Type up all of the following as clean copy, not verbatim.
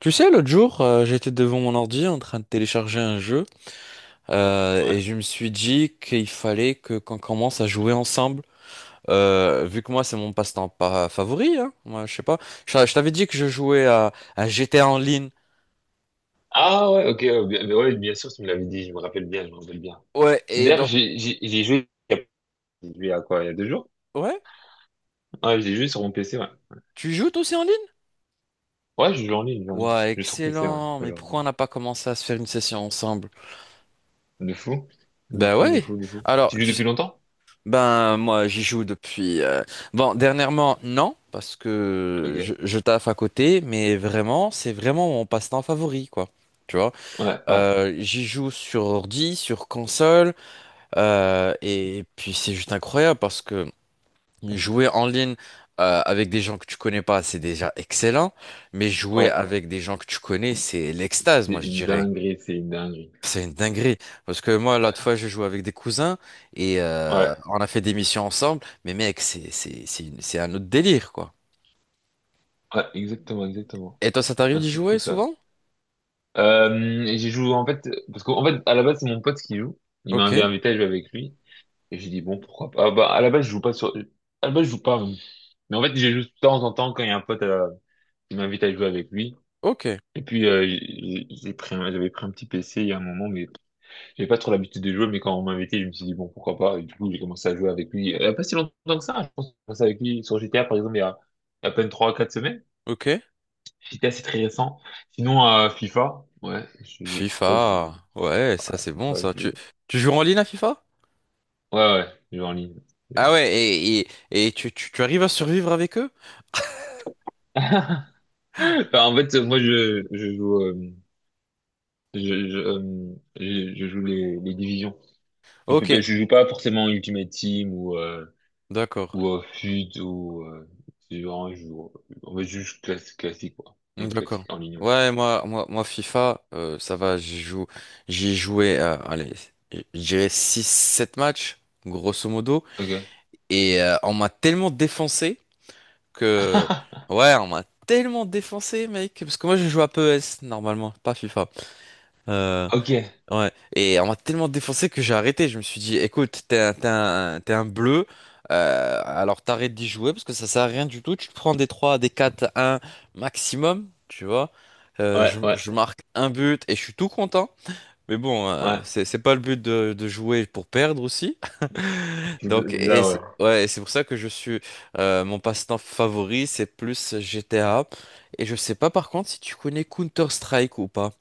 Tu sais, l'autre jour, j'étais devant mon ordi en train de télécharger un jeu et Ouais. je me suis dit qu'il fallait que qu'on commence à jouer ensemble. Vu que moi, c'est mon passe-temps pas favori, hein, moi, je sais pas. Je t'avais dit que je jouais à GTA en ligne. Ah ouais, ok, ouais, bien sûr, tu me l'avais dit, je me rappelle bien, je me rappelle bien. Ouais, et D'ailleurs, donc, j'ai joué, il y a j'ai joué à quoi, il y a 2 jours? ouais, Ouais, j'ai joué sur mon PC, ouais. tu joues toi aussi en ligne? Ouais, je joue en ligne, je joue en ligne. Ouais, Je joue sur PC, ouais. excellent. Je Mais joue en ligne. pourquoi on n'a pas commencé à se faire une session ensemble? De fou, de Ben fou, de ouais. fou, de fou. Alors, Tu joues depuis longtemps? ben, moi, j'y joue depuis. Bon, dernièrement, non, parce que je, Ok. je taffe à côté, mais vraiment, c'est vraiment mon passe-temps favori, quoi. Tu vois, Ouais, ouais, j'y joue sur ordi, sur console, et puis c'est juste incroyable parce que jouer en ligne avec des gens que tu connais pas, c'est déjà excellent, mais jouer ouais. avec des gens que tu connais, c'est l'extase, C'est moi, je une dirais. dinguerie, c'est une dinguerie. C'est une dinguerie. Parce que moi, Euh, l'autre fois, je joué avec des cousins et Ouais, on a fait des missions ensemble. Mais mec, c'est un autre délire, quoi. ouais, exactement, exactement. Et toi, ça t'arrive Ah, d'y c'est jouer fou ça. souvent? Et j'ai joué en fait, parce qu'en fait, à la base, c'est mon pote qui joue. Il m'a Ok, invité à jouer avec lui. Et j'ai dit, bon, pourquoi pas. Ah, bah, à la base, je joue pas sur... À la base, je joue pas. Mais en fait, j'ai joué de temps en temps quand il y a un pote qui m'invite à jouer avec lui. ok, Et puis, j'avais pris un petit PC il y a un moment, mais j'avais pas trop l'habitude de jouer. Mais quand on m'a invité, je me suis dit, bon, pourquoi pas. Et du coup, j'ai commencé à jouer avec lui. Il y a pas si longtemps que ça, hein. Je pense que j'ai commencé avec lui sur GTA, par exemple, il y a à peine trois quatre semaines. ok. GTA, c'est très récent. Sinon, FIFA. Ouais, je, FIFA. Ouais, ça c'est bon, FIFA, ça. je, Tu, ouais, tu joues en ligne à FIFA? ouais, je joue en ligne. Ah ouais, et tu arrives à survivre avec eux? Enfin, en fait, moi, je joue. Je, je joue les divisions. Je fais Ok, pas, je joue pas forcément Ultimate Team ou d'accord. FUT ou c'est vraiment, je joue, on va juste classique quoi, mode classique D'accord. en ligne. Ouais. Ouais, moi FIFA, ça va, j'y joue. J'y ai joué, allez, je dirais six sept matchs, grosso modo. Ok. Et on m'a tellement défoncé que... Ouais, on m'a tellement défoncé, mec. Parce que moi, je joue à P E S normalement, pas FIFA. Euh, Ok. ouais. Et on m'a tellement défoncé que j'ai arrêté. Je me suis dit, écoute, t'es un bleu. Alors t'arrêtes d'y jouer parce que ça sert à rien du tout. Tu te prends des 3, des quatre, un maximum, tu vois. Euh, Ouais, je, ouais, je marque un but et je suis tout content. Mais bon, ouais. c'est pas le but de jouer pour perdre aussi. C'est Donc, c'est et ça, ouais. c'est ouais, et c'est pour ça que je suis mon passe-temps favori, c'est plus GTA. Et je sais pas par contre si tu connais Counter-Strike ou pas.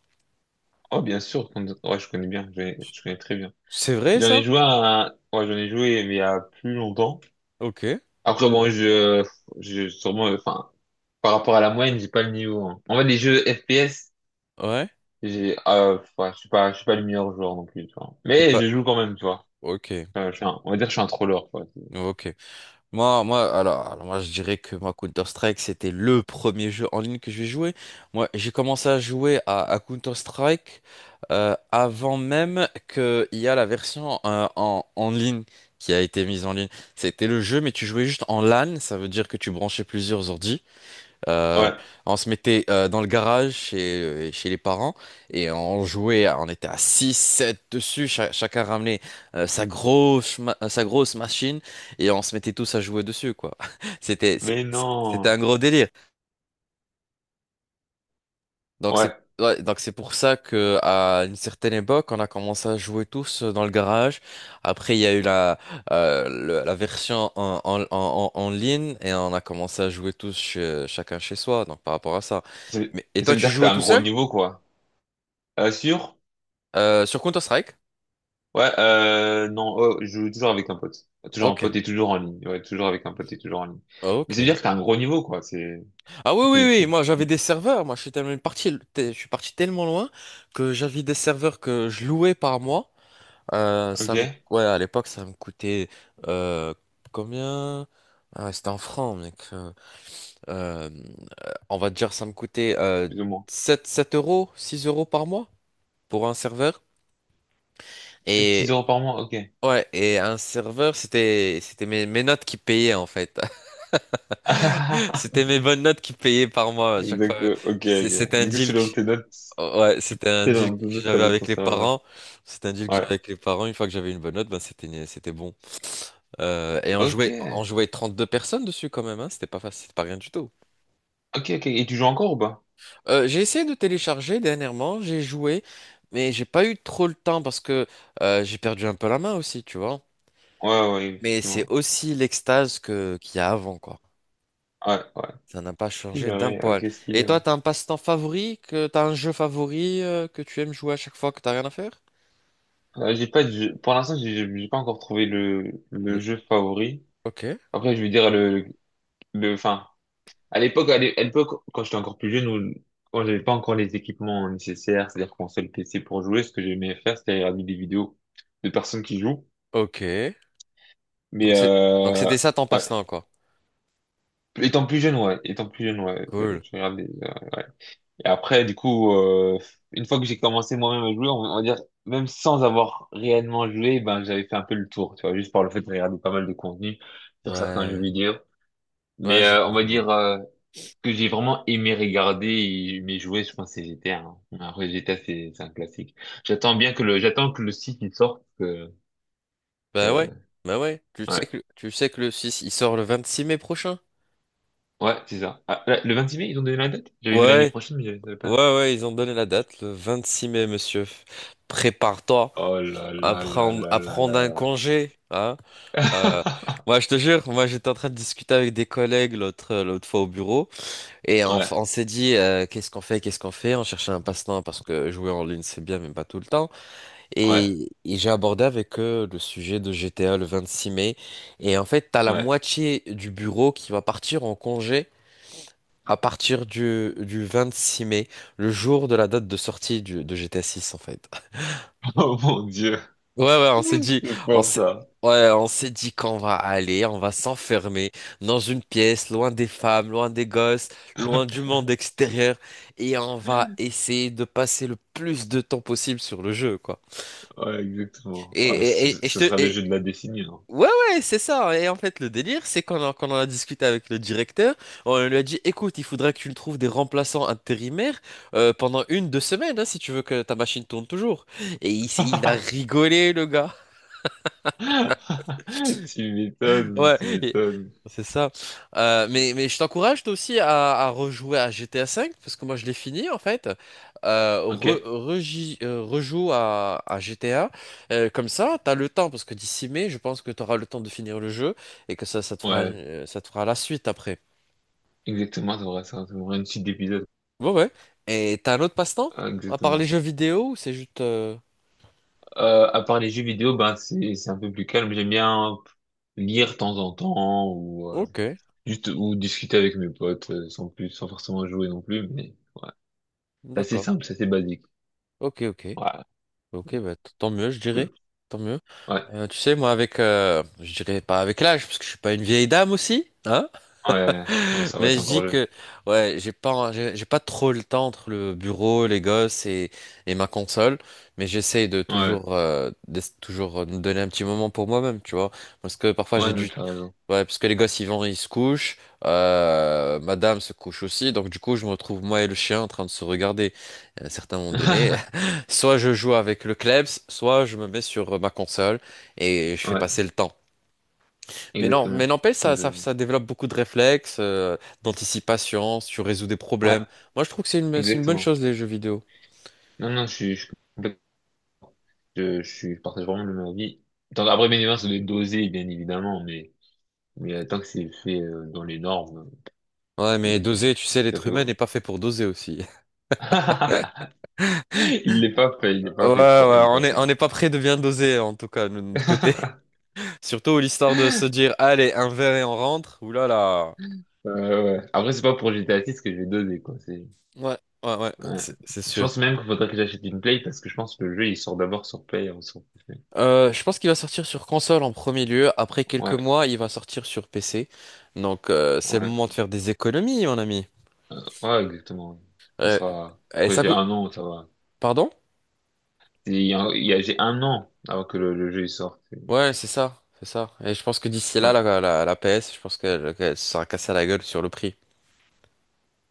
Oh, bien sûr. Ouais, je connais bien. Je connais très bien. C'est vrai J'en ai ça? joué à, ouais, j'en ai joué mais il y a plus longtemps. Ok. Après, bon, je sûrement, enfin, par rapport à la moyenne, j'ai pas le niveau, hein. En fait, les jeux FPS. Ouais. J'ai, ouais, je suis pas le meilleur joueur non plus, tu vois. Et Mais pas. je joue quand même, tu vois. Ok. On va dire que je suis un troller, quoi. Ok. Moi, je dirais que moi, Counter-Strike, c'était le premier jeu en ligne que j'ai joué. Moi, j'ai commencé à jouer à Counter-Strike avant même qu'il y a la version en ligne qui a été mise en ligne. C'était le jeu, mais tu jouais juste en LAN, ça veut dire que tu branchais plusieurs ordi. Euh, Ouais. on se mettait dans le garage chez les parents et on jouait, on était à 6, 7 dessus, chacun ramenait sa grosse machine et on se mettait tous à jouer dessus, quoi. Mais C'était non. un gros délire. Donc c'est Ouais. ouais, donc c'est pour ça que à une certaine époque, on a commencé à jouer tous dans le garage. Après, il y a eu la version en ligne et on a commencé à jouer chacun chez soi. Donc par rapport à ça. Mais et Mais ça toi, veut tu dire que jouais t'as un tout gros seul? niveau, quoi. Sûr? Sur Counter-Strike? Ouais, non, oh, je joue toujours avec un pote. Toujours un Ok. pote et toujours en ligne. Ouais, toujours avec un pote et toujours en ligne. Mais ça veut Ok. dire que t'as un gros niveau, quoi. Ah oui, oui, c'est, oui, c'est- moi j'avais c'est- des serveurs, moi je suis tellement parti, je suis parti tellement loin que j'avais des serveurs que je louais par mois. Ça me... ok? Ouais, à l'époque, ça me coûtait euh, combien? Ah, c'était en francs, mec. Euh, on va dire, ça me coûtait Plus ou moins. 7 7 euros, 6 euros par mois pour un serveur. Sept six Et euros par mois, ok. ouais, et un serveur, c'était mes notes qui payaient en fait. C'était mes bonnes notes qui payaient par mois à chaque fois. Exact, ok, ok. C'était un Du coup, deal que... Ouais, c'était un deal que selon tes notes, ça j'avais va être avec ton les serveur. parents. C'était un deal que Ouais. j'avais avec les parents. Une fois que j'avais une bonne note, ben c'était bon. Et on Ok. jouait, on jouait 32 personnes dessus quand même, hein. C'était pas facile, c'était pas rien du tout. Ok, ok. Et tu joues encore ou pas? J'ai essayé de télécharger dernièrement, j'ai joué, mais j'ai pas eu trop le temps parce que j'ai perdu un peu la main aussi, tu vois. Ouais, ouais, Mais c'est effectivement. aussi l'extase que qu'il y a avant, quoi. Ouais, ouais. Ça n'a pas changé d'un poil. Ok, Et stylé, ouais. toi, t'as un passe-temps favori, que t'as un jeu favori que tu aimes jouer à chaque fois que t'as rien à faire? J'ai pas de jeu- Pour l'instant, j'ai pas encore trouvé le Le- jeu favori. Ok, Après, je vais dire enfin, à l'époque, à l'époque, quand j'étais encore plus jeune ou quand j'avais pas encore les équipements nécessaires, c'est-à-dire console PC pour jouer, ce que j'aimais faire, c'était regarder des vidéos de personnes qui jouent. ok. Mais, Donc c'est, donc c'était ça ton ouais. passe-temps, quoi. Étant plus jeune, ouais. Étant plus jeune, ouais. Je, Cool. je regardais, ouais. Et après, du coup, une fois que j'ai commencé moi-même à jouer, on va dire, même sans avoir réellement joué, ben, j'avais fait un peu le tour, tu vois, juste par le fait de regarder pas mal de contenu sur certains jeux Ouais, vidéo. Mais ouais, je on va vois. dire que j'ai vraiment aimé regarder et aimé jouer, je pense que c'est GTA. Hein. Après, GTA, c'est un classique. J'attends que le site il sorte, que, Bah ouais, que... bah ouais. Tu sais Ouais, que, tu sais que le 6, il sort le 26 mai prochain? ouais, c'est ça. Ah, là, le 26 mai, ils ont donné la date? J'avais vu l'année Ouais, prochaine, mais je savais ouais, pas. ouais, ils ont donné la date, le 26 mai, monsieur. Prépare-toi Oh là à là là prendre, là à là prendre un là. congé, hein? Euh, moi, je te jure, moi, j'étais en train de discuter avec des collègues l'autre fois au bureau, et on, Ouais, on s'est dit, qu'est-ce qu'on fait, qu'est-ce qu'on fait? On cherchait un passe-temps parce que jouer en ligne, c'est bien, mais pas tout le temps. ouais, Et j'ai abordé avec eux le sujet de GTA le 26 mai. Et en fait, t'as la ouais. moitié du bureau qui va partir en congé à partir du 6 mai, le jour de la date de sortie de GTA 6 en fait. Oh mon Dieu, Ouais, ouais, on s'est dit, c'est on pour s'est, ça. ouais, on s'est dit qu'on va aller, on va s'enfermer dans une pièce, loin des femmes, loin des gosses, loin du monde extérieur, et on va essayer de passer le plus de temps possible sur le jeu, quoi. Ouais, exactement. Et, Ah, mais et, ce, et, et je ce te, sera le et, jeu de la décennie, non? Ouais, ouais, c'est ça. Et en fait, le délire, c'est qu'on en a discuté avec le directeur, on lui a dit, écoute, il faudra que tu nous trouves des remplaçants intérimaires pendant une, deux semaines, hein, si tu veux que ta machine tourne toujours. Et il a rigolé, le gars. Tu m'étonnes, Ouais, tu m'étonnes. c'est ça. Mais je t'encourage toi aussi à rejouer à GTA V, parce que moi je l'ai fini en fait. Euh, Ok, re- reji- euh, rejoue à GTA. Comme ça, t'as le temps, parce que d'ici mai, je pense que t'auras le temps de finir le jeu et que ça, ça te fera, ouais, une- ça te fera la suite après. exactement, ça devrait une suite d'épisodes. Ouais, ouais. Et t'as un autre passe-temps? Ah, À part les Exactement. jeux vidéo, ou c'est juste... À part les jeux vidéo, ben c'est un peu plus calme. J'aime bien lire de temps en temps ou Ok, juste ou discuter avec mes potes sans plus, sans forcément jouer non plus. Mais ouais, c'est assez d'accord. simple, c'est assez basique. Ok, ok. Ouais, Ok, bah, tant mieux, je cool. dirais. Tant mieux. Ouais, Tu sais, moi, avec, je dirais pas avec l'âge, parce que je suis pas une vieille dame aussi, hein. ouais. Non, ça va être Mais je encore dis jeune. que ouais, j'ai pas trop le temps entre le bureau, les gosses et, ma console, mais j'essaye de Ouais. toujours euh, de toujours euh, me donner un petit moment pour moi-même, tu vois, parce que parfois j'ai Ouais, non, dû t'as raison. ouais, parce que les gosses ils se couchent, madame se couche aussi, donc du coup je me retrouve moi et le chien en train de se regarder. À un certain moment donné, soit je joue avec le Klebs, soit je me mets sur ma console et je fais Ouais, passer le temps. Mais non, mais exactement. n'empêche, ça, ça, Exactement. ça développe beaucoup de réflexes, d'anticipation, si tu résous des Ouais, problèmes. Moi, je trouve que c'est une bonne exactement. chose, les jeux vidéo. Non, non, je partage vraiment le même avis. Tant, après, bien évidemment, ça doit être dosé, bien évidemment, mais tant que c'est fait dans les normes, Ouais, c'est- mais doser, c'est- tu sais, ça l'être fait humain n'est bon. pas fait pour doser aussi. Il n'est pas fait, il Ouais, n'est pas fait pour, il ouais, est pas fait. on n'est pas prêt de bien doser, en tout cas, de notre côté. Surtout l'histoire de se dire, allez, un verre et on rentre. Ouh là là. Ouais. Après, c'est pas pour GTA 6 que je vais doser, quoi. C'est, Ouais, ouais, ouais, ouais. c'est Je sûr. pense même qu'il faudrait que j'achète une Play parce que je pense que le jeu, il sort d'abord sur Play avant sur PC. Je pense qu'il va sortir sur console en premier lieu. Après quelques Ouais, mois, il va sortir sur PC. Donc, c'est le ouais. moment de faire des économies, mon ami. Ouais, exactement. Il Euh, sera, et après ça j'ai coûte... un an, ça va. Pardon? J'ai un an avant que le jeu il sorte. Ouais, c'est ça, c'est ça. Et je pense que d'ici là, Ouais. la PS, je pense qu'elle se sera cassée à la gueule sur le prix.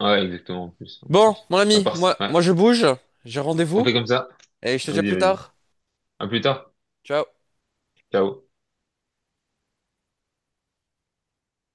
Ouais, exactement, en plus, en Bon, plus. mon À ami, part, moi, ouais. moi je bouge, j'ai On rendez-vous, fait comme ça. et je te dis à Vas-y, plus vas-y. tard. À plus tard. Ciao. Ciao.